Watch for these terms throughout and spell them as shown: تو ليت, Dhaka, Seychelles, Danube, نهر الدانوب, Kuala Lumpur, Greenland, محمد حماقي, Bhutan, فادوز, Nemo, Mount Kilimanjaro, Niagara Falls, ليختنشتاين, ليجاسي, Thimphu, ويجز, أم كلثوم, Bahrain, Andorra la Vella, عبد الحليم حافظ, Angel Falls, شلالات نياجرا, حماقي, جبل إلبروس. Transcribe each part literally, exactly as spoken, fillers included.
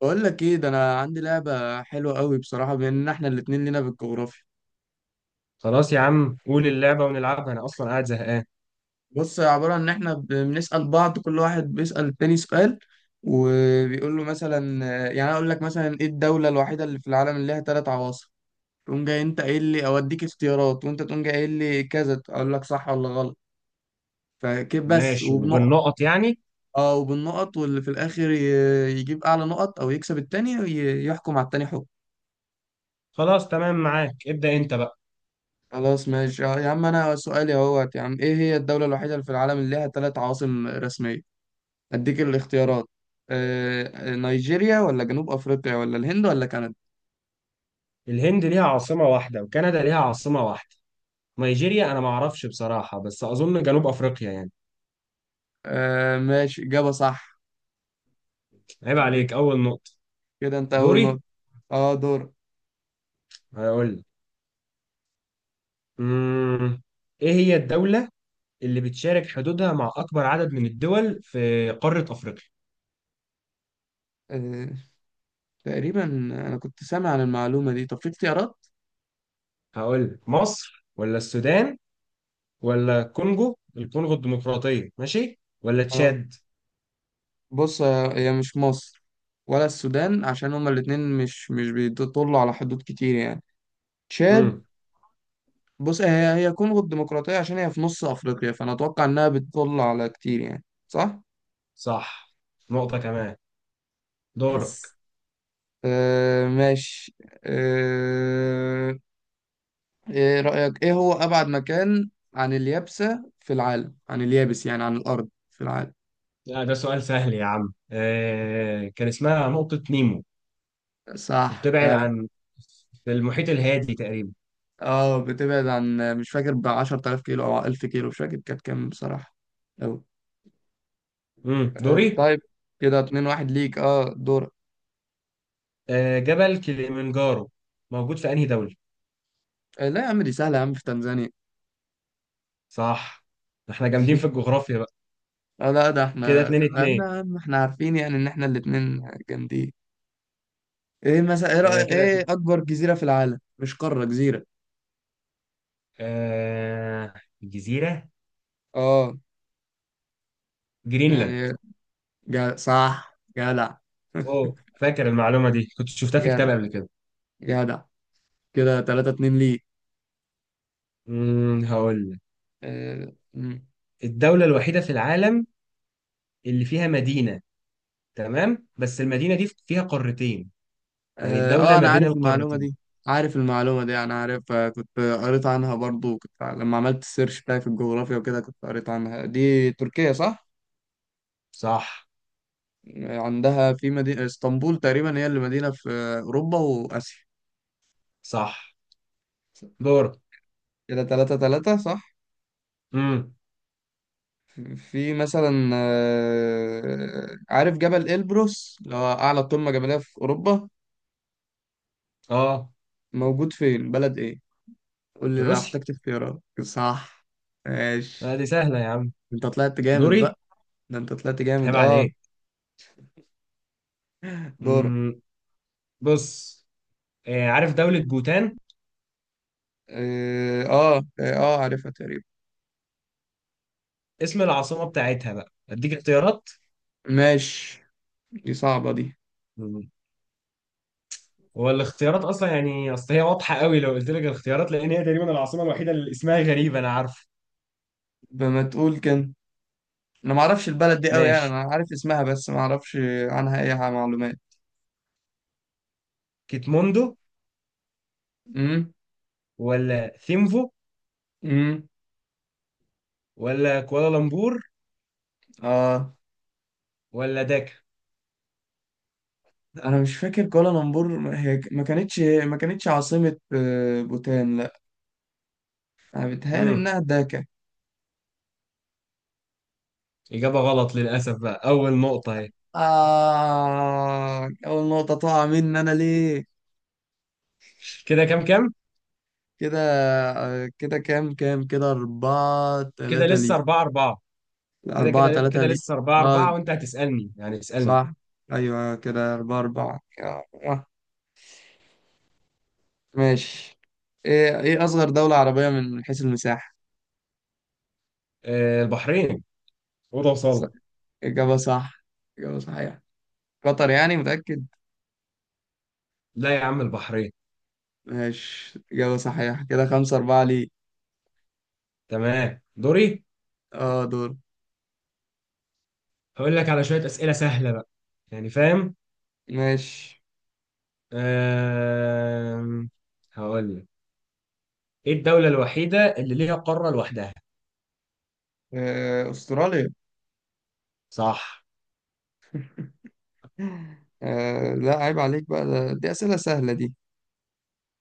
بقول لك ايه ده، انا عندي لعبه حلوه قوي بصراحه، بما ان احنا الاتنين لينا في الجغرافيا. خلاص يا عم، قول اللعبة ونلعبها. أنا أصلا قاعد زهقان. بص، هي عباره عن ان احنا ب- بنسال بعض، كل واحد بيسال التاني سؤال وبيقول له، مثلا يعني انا اقول لك مثلا ايه الدوله الوحيده اللي في العالم اللي ليها ثلاث عواصم؟ تقوم جاي انت قايل لي اوديك اختيارات، وانت تقوم جاي قايل لي كذا، اقول لك صح ولا غلط، فكيف بس ماشي، وبنقط. وبالنقط يعني. اه وبالنقط، واللي في الاخر ي- يجيب اعلى نقط او يكسب التاني وي- يحكم على التاني حكم. خلاص، تمام معاك، ابدأ أنت بقى. خلاص ماشي. آه، يا عم انا سؤالي اهوت، يا عم ايه هي الدولة الوحيدة اللي في العالم اللي لها ثلاث عواصم رسمية؟ اديك الاختيارات. آه، نيجيريا ولا جنوب افريقيا ولا الهند ولا كندا؟ الهند ليها عاصمة واحدة، وكندا ليها عاصمة واحدة. نيجيريا أنا معرفش بصراحة، بس أظن جنوب أفريقيا يعني. آه ماشي، اجابة صح. عيب عليك، أول نقطة. كده انت اول دوري. نقطة. اه دور. هقول لك. مم. إيه هي الدولة اللي بتشارك حدودها مع أكبر عدد من الدول في قارة أفريقيا؟ آه تقريبا انا كنت سامع عن المعلومة دي. طب في اختيارات؟ هقول لك: مصر، ولا السودان، ولا كونجو الكونغو الديمقراطية، ماشي، ولا اه تشاد. بص، آه، هي مش مصر ولا السودان، عشان هما الاتنين مش مش بيطلوا على حدود كتير يعني. تشاد؟ بص، هي هي كونغو الديمقراطية، عشان هي في نص أفريقيا، فأنا أتوقع إنها بتطل على كتير يعني، صح؟ صح. نقطة كمان. دورك. يس. آه ماشي. آه، إيه رأيك إيه هو أبعد مكان عن اليابسة في العالم؟ عن اليابس، يعني عن الأرض في العالم. لا، ده سؤال سهل يا عم. آه كان اسمها نقطة نيمو. صح وبتبعد كده. عن... في المحيط الهادي تقريبا. اه بتبعد عن، مش فاكر، ب عشرة آلاف كيلو أو ألف كيلو، مش فاكر كانت كام بصراحة أوي. امم آه دوري. طيب، كده اتنين واحد ليك، اه دورك. آه جبل كليمنجارو موجود في أنهي دولة؟ آه لا يا عم، دي سهلة يا عم، في تنزانيا. صح. احنا جامدين في الجغرافيا بقى. اه لا، ده كده احنا اتنين تمام اتنين يا عم، احنا عارفين يعني ان احنا الاتنين جامدين. ايه مثلا، ايه رأي، آه، كده. ايه اكبر جزيرة في العالم؟ مش قارة، جزيرة. آه جزيرة اه جرينلاند. يعني، جا صح، جدع. اوه، فاكر المعلومة دي، كنت شفتها في جدع، كتاب قبل كده. جدع. كده تلاتة اتنين ليه. امم هقول لك: اه. مم. الدولة الوحيدة في العالم اللي فيها مدينة، تمام، بس المدينة دي فيها قارتين. يعني اه الدولة آه، ما انا بين عارف المعلومة القارتين. دي، عارف المعلومة دي، انا عارفها، كنت قريت عنها برضو، كنت لما عملت السيرش بتاعي في الجغرافيا وكده كنت قريت عنها. دي تركيا صح؟ صح. عندها في مدينة اسطنبول تقريبا، هي اللي مدينة في اوروبا واسيا. صح. دور. كده تلاتة تلاتة، صح؟ امم في مثلا، آه، عارف جبل إلبروس اللي هو أعلى قمة جبلية في أوروبا؟ اه موجود فين، بلد إيه؟ قول لي في لو روسيا. احتجت اختيارات، صح؟ آه، دي ماشي. سهلة يا عم. أنت طلعت جامد دوري. بقى. ده أنت طلعت جامد، عيب أه عليك. دور. امم بص، آه عارف دولة بوتان؟ آه آه آه آه، عارفها تقريبا. اسم العاصمة بتاعتها بقى، اديك اختيارات. ماشي، دي صعبة دي. مم. هو الاختيارات اصلا، يعني اصل هي واضحة قوي لو قلت لك الاختيارات، لان هي تقريبا العاصمة الوحيدة اللي اسمها غريب، انا عارف. بما تقول كان، أنا معرفش البلد دي أوي يعني، ماشي. أنا عارف اسمها بس معرفش عنها أي حاجة، معلومات. كيتموندو، أمم. ولا ثيمفو، أمم. ولا كوالالمبور، آه. ولا داكا. انا مش فاكر كوالالمبور، ما- هي ما كانتش ما كانتش عاصمة. آه، بوتان لا. انا بتهيألي مم. انها داكا. إجابة غلط للأسف، بقى أول نقطة أهي. آه، اول نقطة تقع مني، انا ليه؟ كده كام كام؟ كده. آه، كده كام كام، كده أربعة كده تلاتة لسه لي. أربعة أربعة. لا، كده أربعة كده تلاتة كده لي. لسه 4 اه 4 وأنت هتسألني، يعني اسألني. صح، أيوة كده، أربعة أربعة. آه. ماشي. إيه، إيه أصغر دولة عربية من حيث المساحة؟ آه البحرين. أوضة ص- وصالة. إجابة صح، إجابة صحيحة. قطر يعني، متأكد؟ لا يا عم، البحرين. ماشي، إجابة صحيحة. كده خمسة أربعة ليه. تمام، دوري. اه دور. هقول لك على شوية أسئلة سهلة بقى، يعني فاهم؟ ماشي، آه هقول لك. إيه الدولة الوحيدة اللي ليها قارة لوحدها؟ آه، أستراليا. صح. آه، لا عيب عليك بقى، ده- دي أسئلة سهلة دي.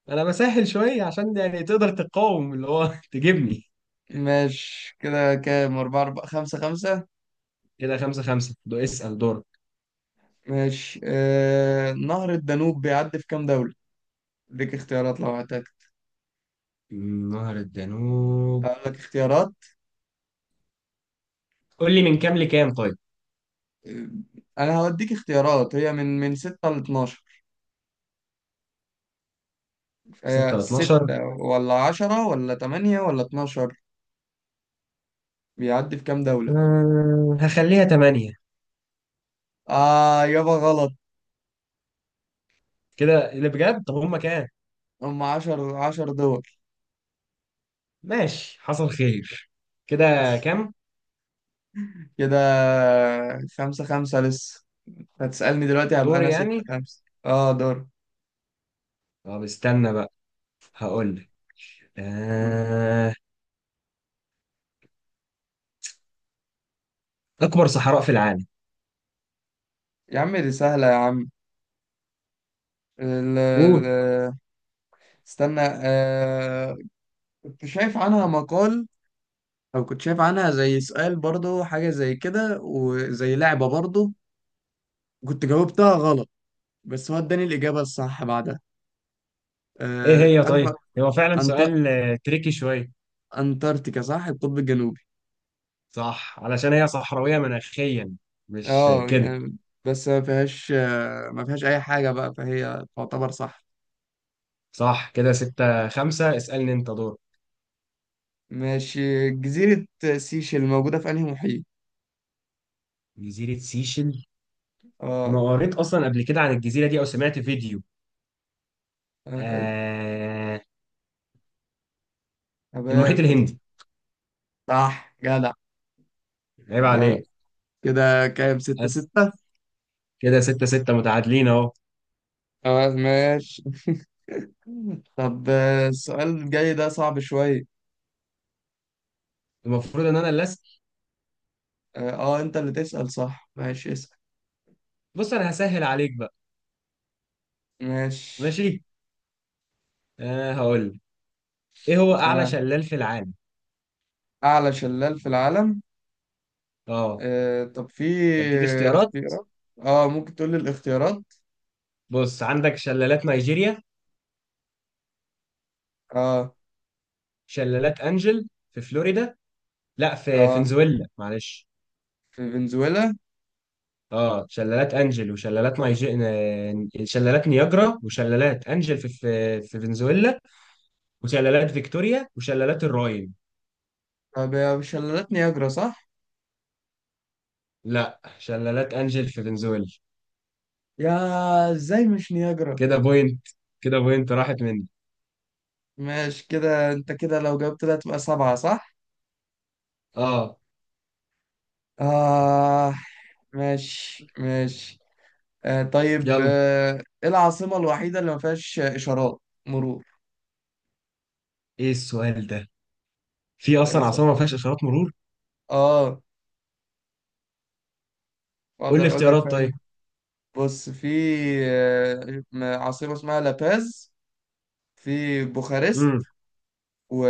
أنا بسهل شوية عشان يعني تقدر تقاوم اللي هو تجيبني. ماشي، كده كام، أربعة أربعة، خمسة خمسة. كده خمسة خمسة. دو اسأل، دور. ماشي، آه، نهر الدانوب بيعدي في كام دولة؟ اديك اختيارات لو هتاك. نهر الدانوب. أقول لك اختيارات. قول لي من كام لكام طيب. آه، أنا هوديك اختيارات، هي من من ستة لاتناشر. ستة هي ل اتناشر. ستة ولا عشرة ولا تمانية ولا اتناشر؟ بيعدي في كام دولة؟ آه، هخليها تمانية. آه يابا غلط. كده اللي بجد، طب هما كام؟ هم عشر عشر دول. ماشي، حصل خير. كده كام؟ كده خمسة خمسة لسه. هتسألني دلوقتي، هبقى دور أنا يعني. ستة خمسة، اه دور. طب استنى بقى، هقول لك. آه... اكبر صحراء في العالم. يا عم دي سهلة يا عم. ال ال قول. استنى آه، كنت شايف عنها مقال، أو كنت شايف عنها زي سؤال برضو، حاجة زي كده وزي لعبة برضو، كنت جاوبتها غلط، بس هو اداني الإجابة الصح بعدها. ايه آه هي طيب؟ أكبر، هو فعلا أنت... سؤال آه، تريكي شويه. أنتاركتيكا، صح، القطب الجنوبي. صح، علشان هي صحراويه مناخيا، مش آه، اه كده. يعني، بس ما فيهاش ما فيهاش اي حاجه بقى، فهي تعتبر صح. صح. كده ستة خمسة. اسالني انت. دور. ماشي. جزيره سيشل موجوده في انهي محيط؟ جزيره سيشل. انا اه. قريت اصلا قبل كده عن الجزيره دي، او سمعت فيديو. آه. المحيط ابات. الهندي. صح، جدع، عيب جدع. عليك. كده كام، ستة بس ستة. كده ستة ستة متعادلين اهو. اه ماشي. طب، آه، السؤال الجاي ده صعب شوية. المفروض ان انا اللي أسأل. اه آه، انت اللي تسأل، صح ماشي اسأل. بص، انا هسهل عليك بقى. ماشي. ماشي. آه هقول لك. ايه هو اعلى آه. شلال في العالم؟ اعلى شلال في العالم. اه. آه. طب في اديك اختيارات. اختيارات؟ اه ممكن تقول لي الاختيارات. بص، عندك شلالات نيجيريا، اه. شلالات انجل في فلوريدا، لا في اه فنزويلا معلش. في فنزويلا. اه شلالات انجل وشلالات نيجي... آه، شلالات نياجرا وشلالات انجل في في في فنزويلا، وشلالات فيكتوريا، وشلالات الراين. طب يا شلالات نياجرا، صح؟ لا، شلالات انجل في فنزويلا. يا، ازاي مش نياجرا؟ كده بوينت كده بوينت راحت مني. ماشي، كده انت كده لو جاوبت ده تبقى سبعة، صح؟ اه، آه ماشي، ماشي. آه طيب، يلا. آه ايه العاصمة الوحيدة اللي ما فيهاش إشارات مرور؟ ايه السؤال ده؟ في ده اصلا سؤال. عاصمه ما فيهاش اشارات مرور؟ اه قول لي اقدر اقول لك اختيارات ثانية. طيب. بص في، آه، عاصمة اسمها لاباز، في بوخارست، امم و،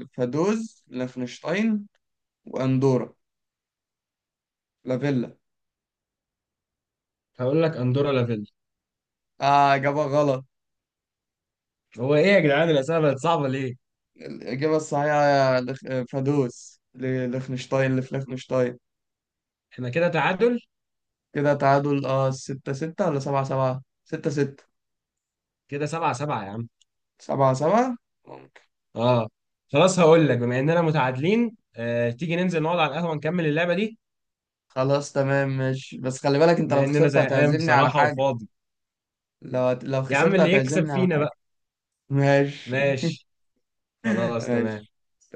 وفادوز لافنشتاين، وأندورا لافيلا. هقول لك: اندورا لافيل. آه إجابة غلط. هو ايه يا جدعان، الاسئله بقت صعبه ليه؟ الإجابة الصحيحة لخ... فادوس لخنشتاين، لفليخنشتاين. احنا كده تعادل. كده تعادل اه، ستة ستة ولا سبعة سبعة؟ ستة ستة. كده سبعة سبعة يا عم. سبعة سبعة ممكن. اه. خلاص، هقول لك: بما اننا متعادلين آه تيجي ننزل نقعد على القهوه، نكمل اللعبه دي، خلاص تمام ماشي، بس خلي بالك انت بما لو اننا خسرت زهقان هتعزمني على بصراحه حاجة. وفاضي. لو لو يا عم، خسرت اللي يكسب هتعزمني على فينا حاجة. بقى. ماشي. ماشي. خلاص، تمام. ماشي.